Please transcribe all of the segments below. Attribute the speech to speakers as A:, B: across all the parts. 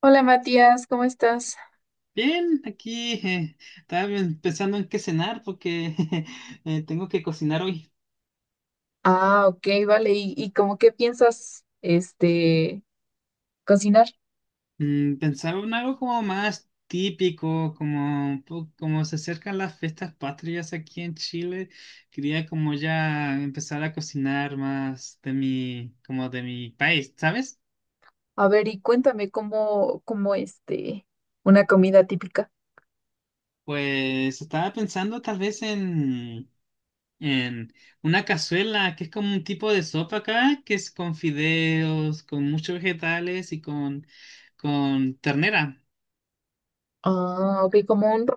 A: Hola Matías, ¿cómo estás?
B: Bien, aquí estaba bien pensando en qué cenar, porque tengo que cocinar hoy.
A: Ah, ok, vale. ¿Y, cómo qué piensas, cocinar?
B: Pensaba en algo como más típico, como, como se acercan las fiestas patrias aquí en Chile. Quería como ya empezar a cocinar más de mi, como de mi país, ¿sabes?
A: A ver, y cuéntame cómo una comida típica.
B: Pues estaba pensando tal vez en una cazuela, que es como un tipo de sopa acá, que es con fideos, con muchos vegetales y con ternera.
A: Ah, ok, como un...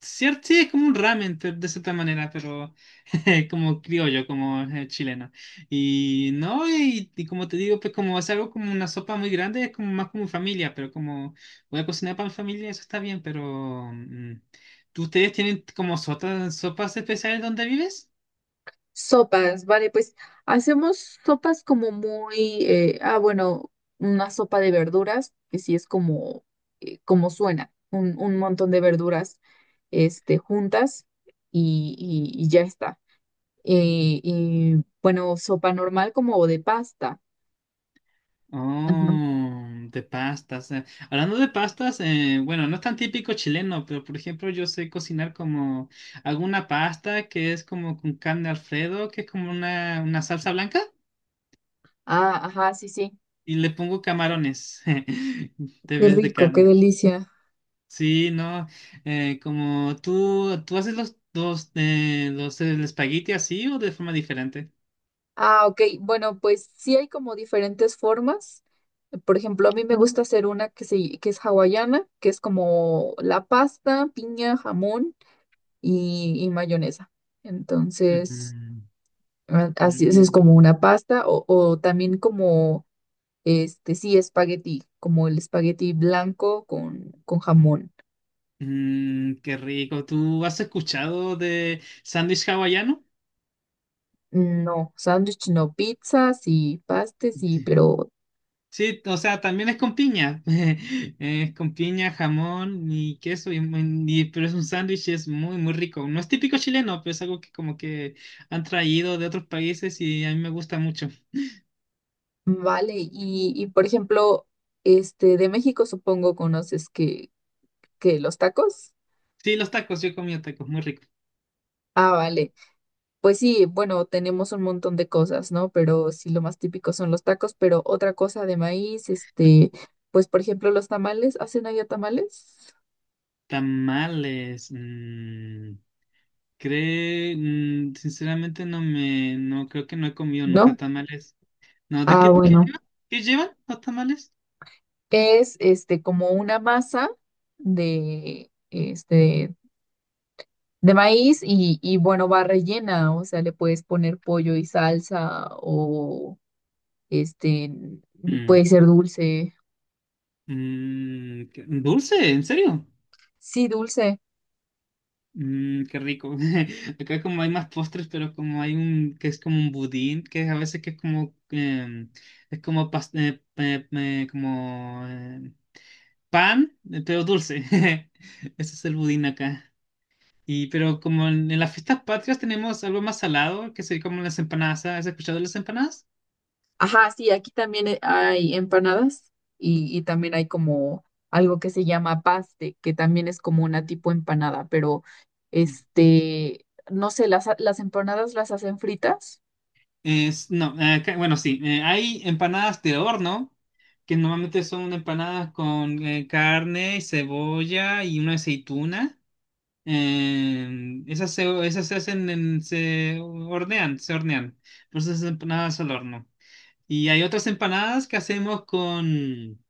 B: Cierto, sí, es como un ramen de cierta manera, pero como criollo, como chileno. Y no, y como te digo, pues como es algo como una sopa muy grande, es como más como familia, pero como voy a cocinar para mi familia, eso está bien. Pero ¿ustedes tienen como sopas especiales donde vives?
A: Sopas, vale, pues hacemos sopas como muy, bueno, una sopa de verduras, que sí es como, como suena, un montón de verduras, juntas y, y ya está. Bueno, sopa normal como de pasta. Ajá.
B: Oh, de pastas. Hablando de pastas, bueno, no es tan típico chileno, pero por ejemplo yo sé cocinar como alguna pasta que es como con carne Alfredo, que es como una salsa blanca,
A: Ah, ajá, sí, sí.
B: y le pongo camarones te
A: Qué
B: ves de
A: rico, qué
B: carne.
A: delicia.
B: Sí, no, como tú haces los el espagueti así o de forma diferente.
A: Ah, ok. Bueno, pues sí hay como diferentes formas. Por ejemplo, a mí me gusta hacer una que es hawaiana, que es como la pasta, piña, jamón y mayonesa. Entonces,
B: Mm,
A: así es como
B: mm,
A: una pasta o también como, sí, espagueti, como el espagueti blanco con jamón.
B: Qué rico. ¿Tú has escuchado de sándwich hawaiano?
A: No, sándwich no, pizzas y pastes y
B: Sí.
A: pero
B: Sí, o sea, también es con piña. Es con piña, jamón y queso, pero es un sándwich y es muy, muy rico. No es típico chileno, pero es algo que como que han traído de otros países y a mí me gusta mucho.
A: vale. Y por ejemplo, este de México supongo conoces que los tacos.
B: Sí, los tacos, yo he comido tacos, muy rico.
A: Ah, vale. Pues sí, bueno, tenemos un montón de cosas, ¿no? Pero sí, lo más típico son los tacos, pero otra cosa de maíz, pues por ejemplo, los tamales, ¿hacen allá tamales?
B: Tamales, sinceramente no creo que no he comido nunca
A: ¿No?
B: tamales. No, ¿de
A: Ah,
B: qué,
A: bueno.
B: llevan? ¿Qué llevan los tamales?
A: Es este como una masa de de maíz y bueno, va rellena, o sea, le puedes poner pollo y salsa o este,
B: Mm,
A: puede ser dulce.
B: ¿Dulce, en serio?
A: Sí, dulce.
B: Qué rico. Acá como hay más postres, pero como hay un que es como un budín, que a veces que es es como pan, pero dulce. Ese es el budín acá. Y pero como en las fiestas patrias tenemos algo más salado, que sería como las empanadas. ¿Has escuchado de las empanadas?
A: Ajá, sí, aquí también hay empanadas y también hay como algo que se llama paste, que también es como una tipo empanada, pero este, no sé, las empanadas las hacen fritas.
B: No, bueno, sí. Hay empanadas de horno, que normalmente son empanadas con carne, cebolla y una aceituna. Esas se hacen se hornean, se hornean. Por eso esas empanadas al horno. Y hay otras empanadas que hacemos con,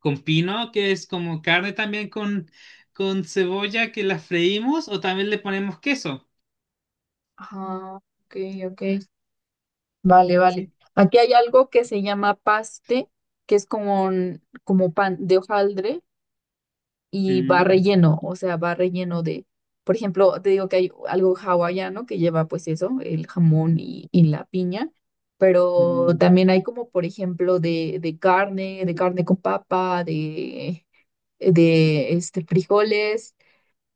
B: con pino, que es como carne también con cebolla, que la freímos, o también le ponemos queso.
A: Ajá, ok, ok. Vale, vale.
B: Sí.
A: Aquí hay algo que se llama paste, que es como, como pan de hojaldre y va
B: Mm,
A: relleno, o sea, va relleno de, por ejemplo, te digo que hay algo hawaiano que lleva pues eso, el jamón
B: mm,
A: y la piña, pero
B: mm,
A: también hay como, por ejemplo, de carne con papa, de, frijoles.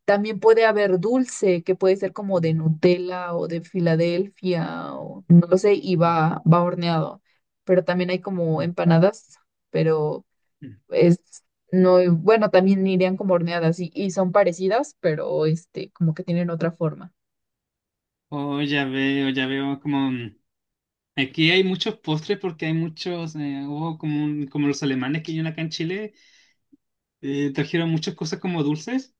A: También puede haber dulce, que puede ser como de Nutella o de Filadelfia, o no lo sé, y
B: mm,
A: va, va horneado. Pero también hay como
B: mm,
A: empanadas, pero
B: mm.
A: es, no, bueno, también irían como horneadas y son parecidas, pero como que tienen otra forma.
B: Oh, ya veo aquí hay muchos postres porque hay muchos, hubo como los alemanes que hay acá en Chile, trajeron muchas cosas como dulces.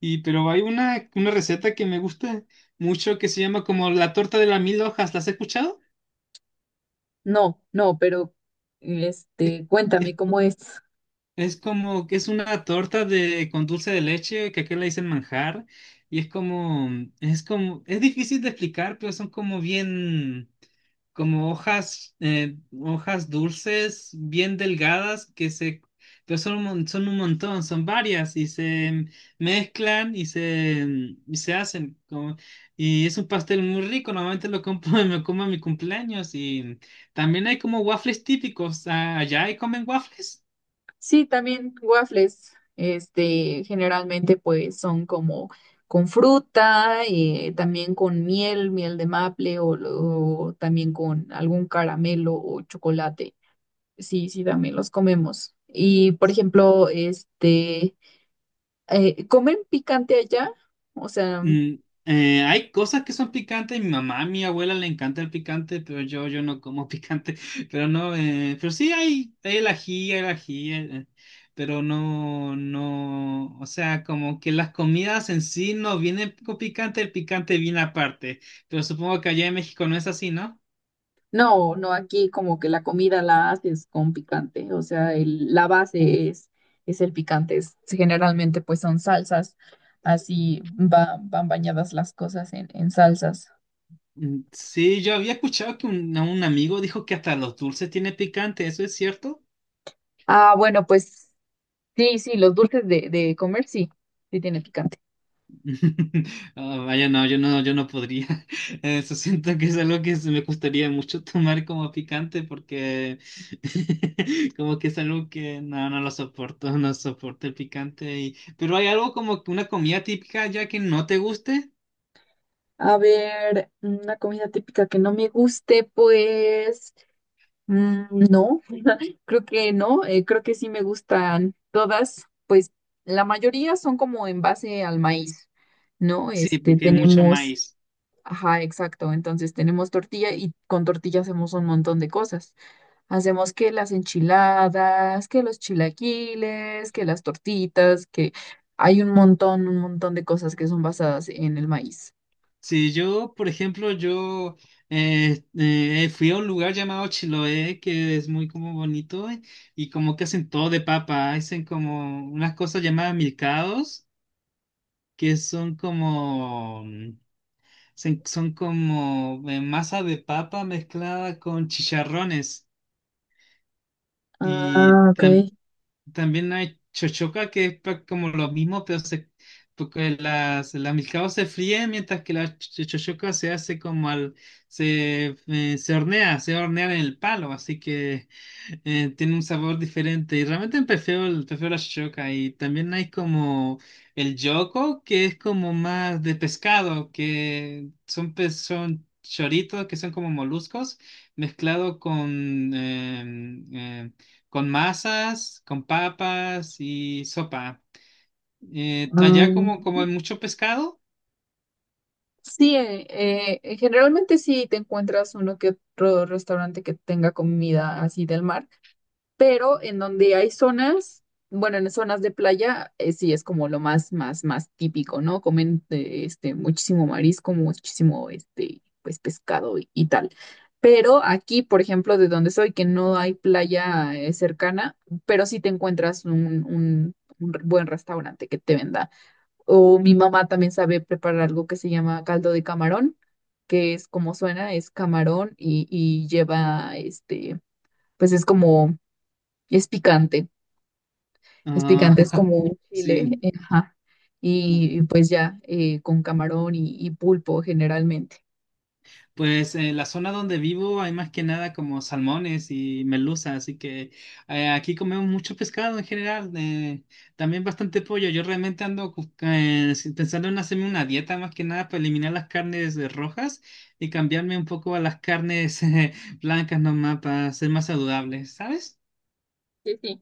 B: Y pero hay una receta que me gusta mucho, que se llama como la torta de las mil hojas. ¿Las has escuchado?
A: No, no, pero
B: Es,
A: cuéntame
B: es
A: cómo es.
B: Es como que es una torta de con dulce de leche, que aquí le dicen manjar, y es como es difícil de explicar, pero son como bien como hojas hojas dulces bien delgadas que se, pero son son un montón, son varias, y se mezclan y se hacen como, y es un pastel muy rico, normalmente lo compro y me como en mi cumpleaños. Y también hay como waffles típicos. ¿Allá y comen waffles?
A: Sí, también waffles, generalmente pues son como con fruta, también con miel, miel de maple o, o también con algún caramelo o chocolate. Sí, sí, también los comemos. Y por ejemplo, ¿comen picante allá? O sea,
B: Mm, Hay cosas que son picantes. Mi mamá, a mi abuela le encanta el picante, pero yo no como picante. Pero no, pero sí hay el ají, pero no, no. O sea, como que las comidas en sí no vienen con picante, el picante viene aparte. Pero supongo que allá en México no es así, ¿no?
A: no, no, aquí como que la comida la haces con picante, o sea, la base es el picante, generalmente pues son salsas, van bañadas las cosas en salsas.
B: Mm, sí, yo había escuchado que un amigo dijo que hasta los dulces tienen picante. ¿Eso es cierto?
A: Ah, bueno, pues sí, sí, los dulces de comer sí, sí tiene picante.
B: Ah, vaya, no, yo no, yo no podría. Eso siento que es algo que se me gustaría mucho tomar como picante, porque como que es algo que no, no lo soporto, no soporto el picante. Y... Pero hay algo como que una comida típica ya que no te guste.
A: A ver, una comida típica que no me guste, pues mm, no. Creo que no, creo que sí me gustan todas, pues la mayoría son como en base al maíz, ¿no?
B: Sí,
A: Este,
B: porque hay mucho
A: tenemos,
B: maíz.
A: ajá, exacto, entonces tenemos tortilla y con tortilla hacemos un montón de cosas. Hacemos que las enchiladas, que los chilaquiles, que las tortitas, que hay un montón de cosas que son basadas en el maíz.
B: Sí, yo, por ejemplo, yo fui a un lugar llamado Chiloé, que es muy como bonito, y como que hacen todo de papa, hacen como unas cosas llamadas milcaos, que son como, son como masa de papa mezclada con chicharrones. Y
A: Ah, ok.
B: también hay chochoca, que es como lo mismo, pero porque las milcaos se fríen, mientras que la chochoca se hace como se hornea en el palo, así que tiene un sabor diferente. Y realmente prefiero la chochoca. Y también hay como el yoco, que es como más de pescado, que son, son choritos, que son como moluscos mezclado con con masas, con papas y sopa. Allá
A: Ah,
B: como, como hay mucho pescado.
A: sí, generalmente sí te encuentras uno que otro restaurante que tenga comida así del mar, pero en donde hay zonas, bueno, en zonas de playa, sí es como lo más, más típico, ¿no? Comen muchísimo marisco, muchísimo pues pescado y tal. Pero aquí, por ejemplo, de donde soy, que no hay playa cercana, pero sí te encuentras un un buen restaurante que te venda o mi mamá también sabe preparar algo que se llama caldo de camarón, que es como suena, es camarón y lleva, pues es como, es picante, es
B: Ah,
A: picante, es como un chile,
B: sí.
A: ajá, y pues ya, con camarón y pulpo generalmente.
B: Pues en la zona donde vivo hay más que nada como salmones y merluza, así que aquí comemos mucho pescado en general, también bastante pollo. Yo realmente ando sí, pensando en hacerme una dieta más que nada para eliminar las carnes rojas y cambiarme un poco a las carnes blancas nomás, para ser más saludables, ¿sabes?
A: Sí, sí,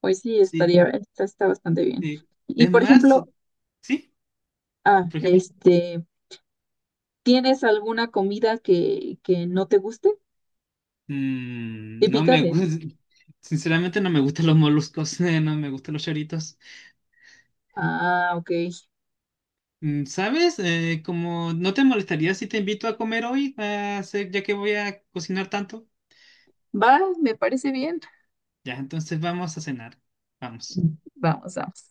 A: pues sí,
B: Sí.
A: está bastante bien.
B: Sí.
A: Y
B: Es
A: por
B: más,
A: ejemplo,
B: sí,
A: ah,
B: por ejemplo,
A: este, ¿tienes alguna comida que no te guste?
B: no
A: Típica
B: me
A: de,
B: gusta, sinceramente no me gustan los moluscos, no me gustan los choritos.
A: ah, ok,
B: ¿Sabes? Como no te molestaría si te invito a comer hoy, ya que voy a cocinar tanto.
A: va, me parece bien.
B: Ya, entonces vamos a cenar. Vamos.
A: Vamos, vamos.